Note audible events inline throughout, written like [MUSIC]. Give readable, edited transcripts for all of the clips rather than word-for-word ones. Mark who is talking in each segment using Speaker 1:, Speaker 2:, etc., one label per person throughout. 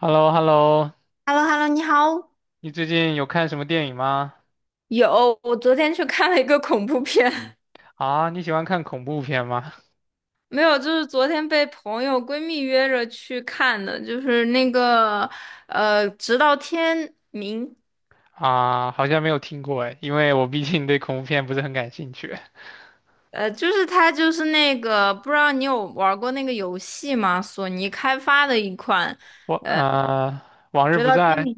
Speaker 1: h e l l o h e l l o
Speaker 2: h e l l o h e l l o 你好。
Speaker 1: 你最近有看什么电影吗？
Speaker 2: 有，我昨天去看了一个恐怖片，[LAUGHS]
Speaker 1: 啊，你喜欢看恐怖片吗？
Speaker 2: 没有，就是昨天被朋友闺蜜约着去看的，就是那个直到天明。
Speaker 1: 啊，好像没有听过哎，因为我毕竟对恐怖片不是很感兴趣。
Speaker 2: 就是它就是那个，不知道你有玩过那个游戏吗？索尼开发的一款
Speaker 1: 我啊，往日
Speaker 2: 《直
Speaker 1: 不
Speaker 2: 到天
Speaker 1: 在
Speaker 2: 明》，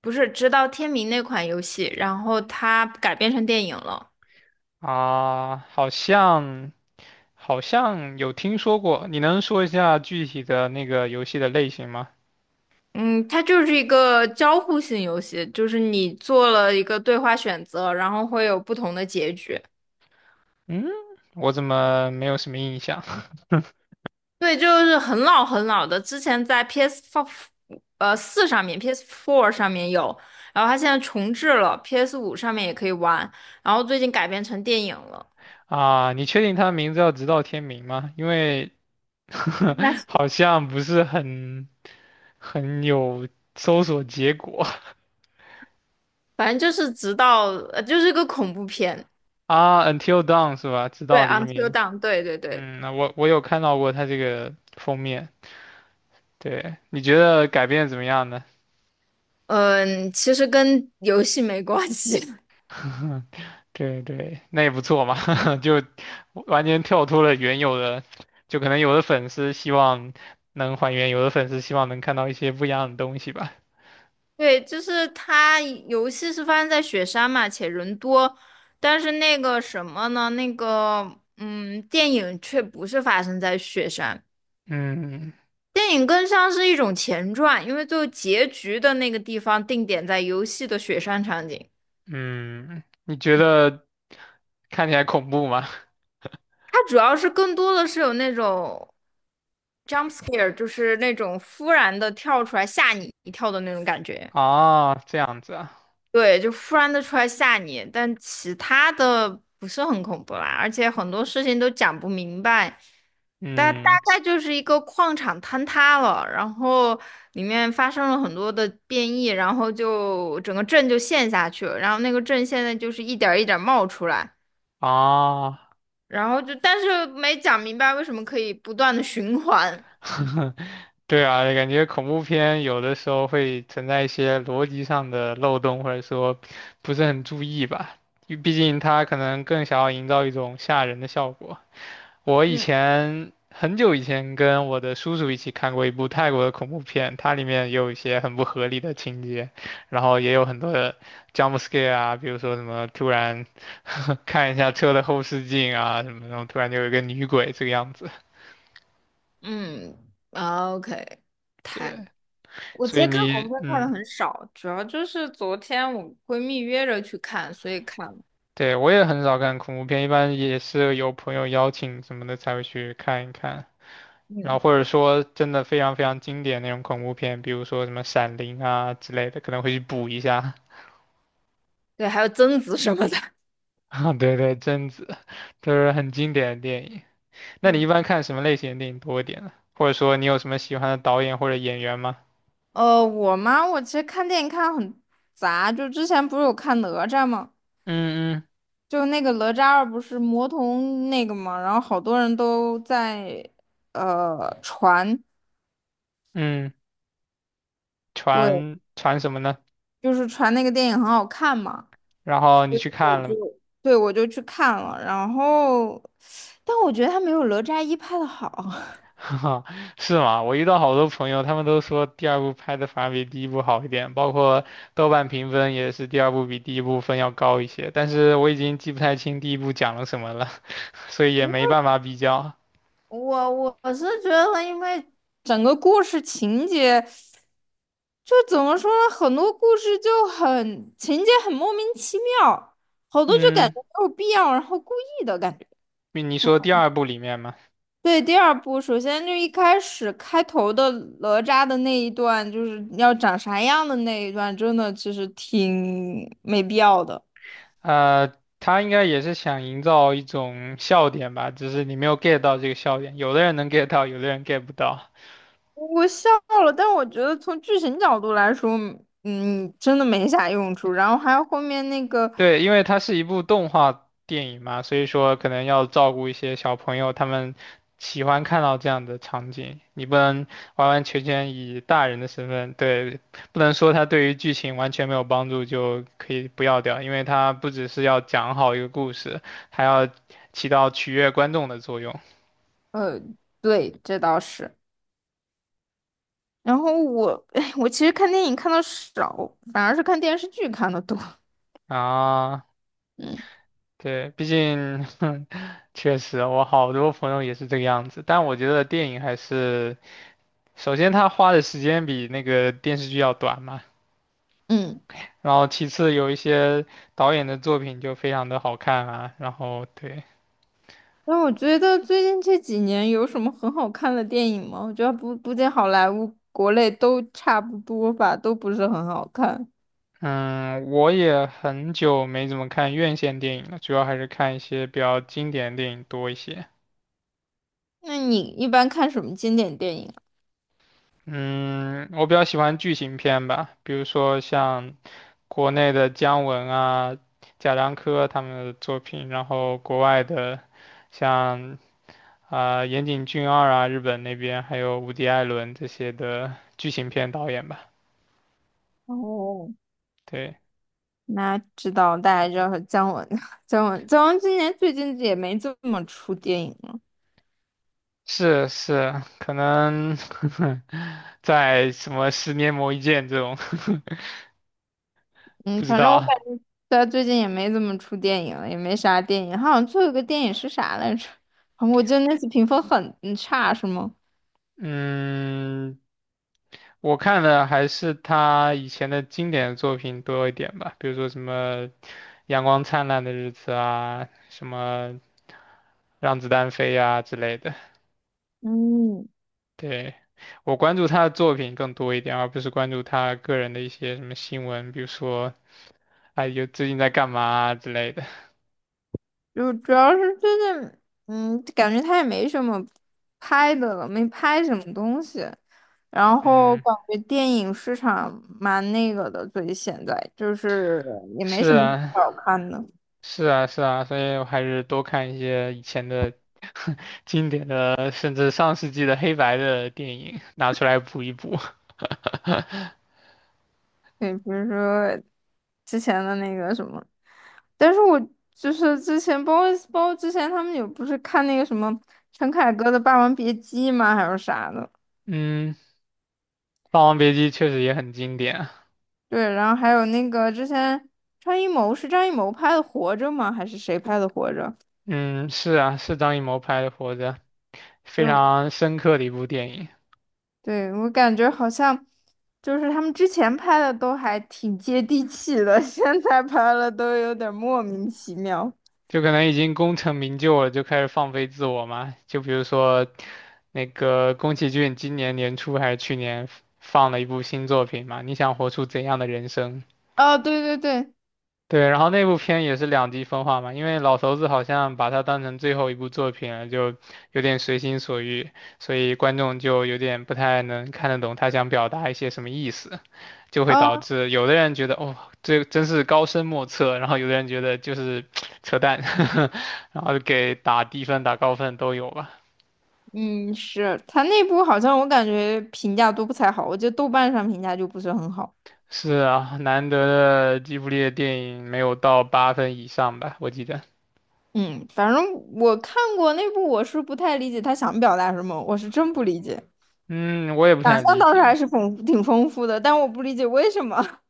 Speaker 2: 不是《直到天明》那款游戏，然后它改编成电影了。
Speaker 1: 啊，好像有听说过。你能说一下具体的那个游戏的类型吗？
Speaker 2: 嗯，它就是一个交互性游戏，就是你做了一个对话选择，然后会有不同的结局。
Speaker 1: 嗯，我怎么没有什么印象
Speaker 2: 对，就是很老很老的，之前在 PS 四上面，PS Four 上面有，然后它现在重置了，PS 五上面也可以玩，然后最近改编成电影了，
Speaker 1: [LAUGHS] 啊？你确定它的名字叫《直到天明》吗？因为
Speaker 2: 应该是，
Speaker 1: [LAUGHS] 好像不是很有搜索结果
Speaker 2: 反正就是直到就是个恐怖片。
Speaker 1: [LAUGHS] 啊。Until Dawn 是吧？直
Speaker 2: 对
Speaker 1: 到黎
Speaker 2: ，Until
Speaker 1: 明。
Speaker 2: Dawn，对对对。
Speaker 1: 嗯，那我有看到过它这个封面。对，你觉得改编得怎么样呢？
Speaker 2: 嗯，其实跟游戏没关系。[LAUGHS]
Speaker 1: [LAUGHS] 对对，那也不错嘛，[LAUGHS] 就完全跳脱了原有的，就可能有的粉丝希望能还原，有的粉丝希望能看到一些不一样的东西吧。
Speaker 2: 对，就是它游戏是发生在雪山嘛，且人多，但是那个什么呢？那个电影却不是发生在雪山，
Speaker 1: 嗯
Speaker 2: 电影更像是一种前传，因为最后结局的那个地方定点在游戏的雪山场景，
Speaker 1: 嗯，你觉得看起来恐怖吗？[LAUGHS]
Speaker 2: 它主要是更多的是有那种 jump scare，就是那种忽然的跳出来吓你一跳的那种感觉。
Speaker 1: 啊，这样子啊。
Speaker 2: 对，就突然的出来吓你，但其他的不是很恐怖啦，而且很多事情都讲不明白，大
Speaker 1: 嗯，
Speaker 2: 概就是一个矿场坍塌了，然后里面发生了很多的变异，然后就整个镇就陷下去了，然后那个镇现在就是一点儿一点儿冒出来，
Speaker 1: 啊，
Speaker 2: 然后但是没讲明白为什么可以不断的循环。
Speaker 1: [LAUGHS] 对啊，感觉恐怖片有的时候会存在一些逻辑上的漏洞，或者说不是很注意吧。因为毕竟它可能更想要营造一种吓人的效果。我以
Speaker 2: 嗯
Speaker 1: 前很久以前跟我的叔叔一起看过一部泰国的恐怖片，它里面也有一些很不合理的情节，然后也有很多的 jump scare 啊，比如说什么突然 [LAUGHS] 看一下车的后视镜啊，什么那种突然就有一个女鬼这个样子。
Speaker 2: 嗯， o k 太我
Speaker 1: 所
Speaker 2: 其实
Speaker 1: 以
Speaker 2: 看恐怖
Speaker 1: 你，
Speaker 2: 片看的
Speaker 1: 嗯，
Speaker 2: 很少，主要就是昨天我闺蜜约着去看，所以看了。
Speaker 1: 对，我也很少看恐怖片，一般也是有朋友邀请什么的才会去看一看。然后
Speaker 2: 嗯，
Speaker 1: 或者说真的非常非常经典那种恐怖片，比如说什么《闪灵》啊之类的，可能会去补一下。
Speaker 2: 对，还有贞子什么的。[LAUGHS]
Speaker 1: [LAUGHS] 啊对对，贞子都是很经典的电影。那你一
Speaker 2: 嗯，
Speaker 1: 般看什么类型的电影多一点呢？或者说你有什么喜欢的导演或者演员吗？
Speaker 2: 我嘛，我其实看电影看得很杂，就之前不是有看哪吒吗？
Speaker 1: 嗯
Speaker 2: 就那个哪吒二不是魔童那个嘛，然后好多人都在传。
Speaker 1: 嗯嗯，
Speaker 2: 对，
Speaker 1: 传传什么呢？
Speaker 2: 就是传那个电影很好看嘛。
Speaker 1: 然后你去
Speaker 2: 我
Speaker 1: 看了
Speaker 2: 就
Speaker 1: 吗？
Speaker 2: 对，我就去看了，然后但我觉得它没有哪吒一拍的好。
Speaker 1: 哈，[LAUGHS] 是吗？我遇到好多朋友，他们都说第二部拍的反而比第一部好一点，包括豆瓣评分也是第二部比第一部分要高一些。但是我已经记不太清第一部讲了什么了，[LAUGHS] 所以也
Speaker 2: [LAUGHS]
Speaker 1: 没办法比较。
Speaker 2: 我是觉得，因为整个故事情节，就怎么说呢，很多故事就很情节很莫名其妙，好多就感
Speaker 1: 嗯，
Speaker 2: 觉没有必要，然后故意的感觉。
Speaker 1: 你你说第二部里面嘛，
Speaker 2: 对，第二部首先就一开始开头的哪吒的那一段，就是要长啥样的那一段，真的其实挺没必要的。
Speaker 1: 呃，他应该也是想营造一种笑点吧，只是你没有 get 到这个笑点。有的人能 get 到，有的人 get 不到。
Speaker 2: 我笑了，但我觉得从剧情角度来说，真的没啥用处。然后还有后面那个。
Speaker 1: 对，因为它是一部动画电影嘛，所以说可能要照顾一些小朋友，他们喜欢看到这样的场景。你不能完完全全以大人的身份，对，不能说它对于剧情完全没有帮助就可以不要掉，因为它不只是要讲好一个故事，还要起到取悦观众的作用
Speaker 2: 对，这倒是。然后我，[LAUGHS] 哎，我其实看电影看的少，反而是看电视剧看的多。
Speaker 1: 啊。
Speaker 2: 嗯
Speaker 1: 对，毕竟，[LAUGHS] 确实，我好多朋友也是这个样子，但我觉得电影还是。首先，他花的时间比那个电视剧要短嘛，
Speaker 2: 嗯。
Speaker 1: 然后其次有一些导演的作品就非常的好看啊，然后对，
Speaker 2: 那我觉得最近这几年有什么很好看的电影吗？我觉得不仅好莱坞、国内都差不多吧，都不是很好看。
Speaker 1: 嗯，我也很久没怎么看院线电影了，主要还是看一些比较经典的电影多一些。
Speaker 2: 那你一般看什么经典电影啊？
Speaker 1: 嗯，我比较喜欢剧情片吧，比如说像国内的姜文啊、贾樟柯他们的作品，然后国外的像啊、岩井俊二啊，日本那边还有无敌艾伦这些的剧情片导演吧。
Speaker 2: 哦，
Speaker 1: 对，
Speaker 2: 那知道，大家知道姜文，[LAUGHS] 姜文今年最近也没怎么出电影。
Speaker 1: 是是，可能 [LAUGHS] 在什么十年磨一剑这种 [LAUGHS]
Speaker 2: 嗯，
Speaker 1: 不知
Speaker 2: 反正我
Speaker 1: 道。
Speaker 2: 感觉他最近也没怎么出电影了，也没啥电影。他好像最后一个电影是啥来着？啊，我记得那次评分很差，是吗？
Speaker 1: 嗯，我看的还是他以前的经典作品多一点吧，比如说什么《阳光灿烂的日子》啊，什么《让子弹飞》呀之类的。
Speaker 2: 嗯，
Speaker 1: 对，我关注他的作品更多一点，而不是关注他个人的一些什么新闻，比如说，哎，有最近在干嘛啊之类的。
Speaker 2: 就主要是最近，感觉他也没什么拍的了，没拍什么东西。然后
Speaker 1: 嗯，
Speaker 2: 感觉电影市场蛮那个的，所以现在就是
Speaker 1: [LAUGHS]
Speaker 2: 也没
Speaker 1: 是
Speaker 2: 什么
Speaker 1: 啊，
Speaker 2: 好看的。
Speaker 1: 是啊，是啊，所以我还是多看一些以前的 [LAUGHS] 经典的，甚至上世纪的黑白的电影，拿出来补一补。
Speaker 2: 对，比如说之前的那个什么，但是我就是之前包括之前他们有不是看那个什么陈凯歌的《霸王别姬》吗？还是啥的？
Speaker 1: [LAUGHS] 嗯，《霸王别姬》确实也很经典啊
Speaker 2: 对，然后还有那个之前张艺谋拍的《活着》吗？还是谁拍的《活着》？
Speaker 1: 嗯，是啊，是张艺谋拍的《活着》，非
Speaker 2: 就
Speaker 1: 常深刻的一部电影。
Speaker 2: 对，我感觉好像就是他们之前拍的都还挺接地气的，[LAUGHS] 现在拍了都有点莫名其妙。
Speaker 1: 就可能已经功成名就了，就开始放飞自我嘛。就比如说，那个宫崎骏今年年初还是去年放了一部新作品嘛，你想活出怎样的人生？
Speaker 2: 哦，对对对。
Speaker 1: 对，然后那部片也是两极分化嘛，因为老头子好像把它当成最后一部作品了，就有点随心所欲，所以观众就有点不太能看得懂他想表达一些什么意思。就会导致有的人觉得哦，这真是高深莫测，然后有的人觉得就是 [TSK] 扯淡，[LAUGHS] 然后给打低分、打高分都有吧。
Speaker 2: 嗯，是他那部好像我感觉评价都不太好，我觉得豆瓣上评价就不是很好。
Speaker 1: 是啊，难得的吉卜力的电影没有到8分以上吧，我记得。
Speaker 2: 嗯，反正我看过那部，我是不太理解他想表达什么，我是真不理解。
Speaker 1: 嗯，我也不
Speaker 2: 想
Speaker 1: 太
Speaker 2: 象
Speaker 1: 理
Speaker 2: 倒是还
Speaker 1: 解。
Speaker 2: 是挺丰富的，但我不理解为什么。[LAUGHS]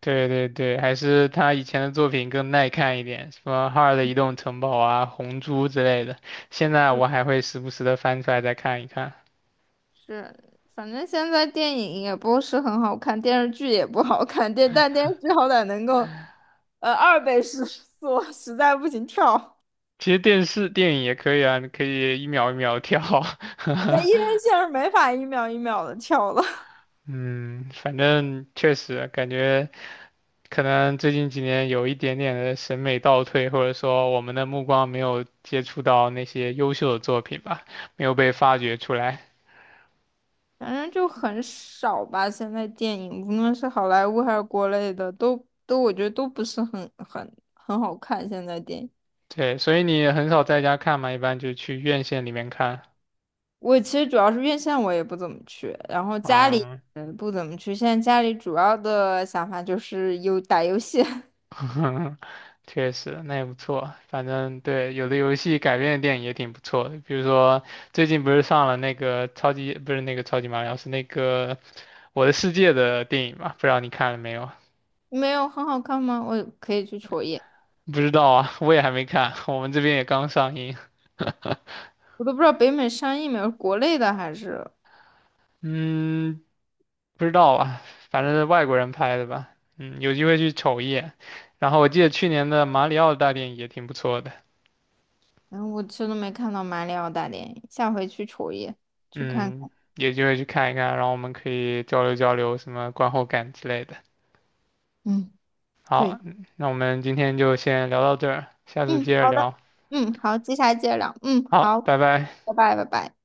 Speaker 1: 对对对，还是他以前的作品更耐看一点，什么《哈尔的移动城堡》啊、《红猪》之类的。现在我还会时不时的翻出来再看一看。
Speaker 2: 是，反正现在电影也不是很好看，电视剧也不好看，但电视剧好歹能够，二倍速 [LAUGHS] 速，实在不行跳。
Speaker 1: 其实电视电影也可以啊，你可以一秒一秒跳。[LAUGHS]
Speaker 2: 那一人线上没法一秒一秒的跳了。
Speaker 1: 嗯，反正确实感觉可能最近几年有一点点的审美倒退，或者说我们的目光没有接触到那些优秀的作品吧，没有被发掘出来。
Speaker 2: 反正就很少吧。现在电影无论是好莱坞还是国内的，都我觉得都不是很好看。现在电影，
Speaker 1: 对，所以你也很少在家看嘛，一般就去院线里面看。
Speaker 2: 我其实主要是院线我也不怎么去，然后家里
Speaker 1: 嗯，
Speaker 2: 不怎么去。现在家里主要的想法就是有打游戏。
Speaker 1: [LAUGHS] 确实，那也不错。反正对，有的游戏改编的电影也挺不错的，比如说最近不是上了那个超级，不是那个超级马里奥，是那个《我的世界》的电影嘛，不知道你看了没有？
Speaker 2: [LAUGHS] 没有很好看吗？我可以去瞅一眼。
Speaker 1: 不知道啊，我也还没看，我们这边也刚上映。
Speaker 2: 我都不知道北美上映没有，国内的还是，
Speaker 1: 嗯，不知道啊，反正是外国人拍的吧。嗯，有机会去瞅一眼。然后我记得去年的马里奥大电影也挺不错的。
Speaker 2: 然后我实都没看到马里奥大电影，下回去瞅一眼，去看
Speaker 1: 嗯，
Speaker 2: 看。
Speaker 1: 有机会去看一看，然后我们可以交流交流什么观后感之类的。
Speaker 2: 嗯，对。
Speaker 1: 好，那我们今天就先聊到这儿，下次接
Speaker 2: 嗯，
Speaker 1: 着
Speaker 2: 好的。
Speaker 1: 聊。
Speaker 2: 嗯，好，接下来接着聊。嗯，
Speaker 1: 好，
Speaker 2: 好，
Speaker 1: 拜拜。
Speaker 2: 拜拜，拜拜。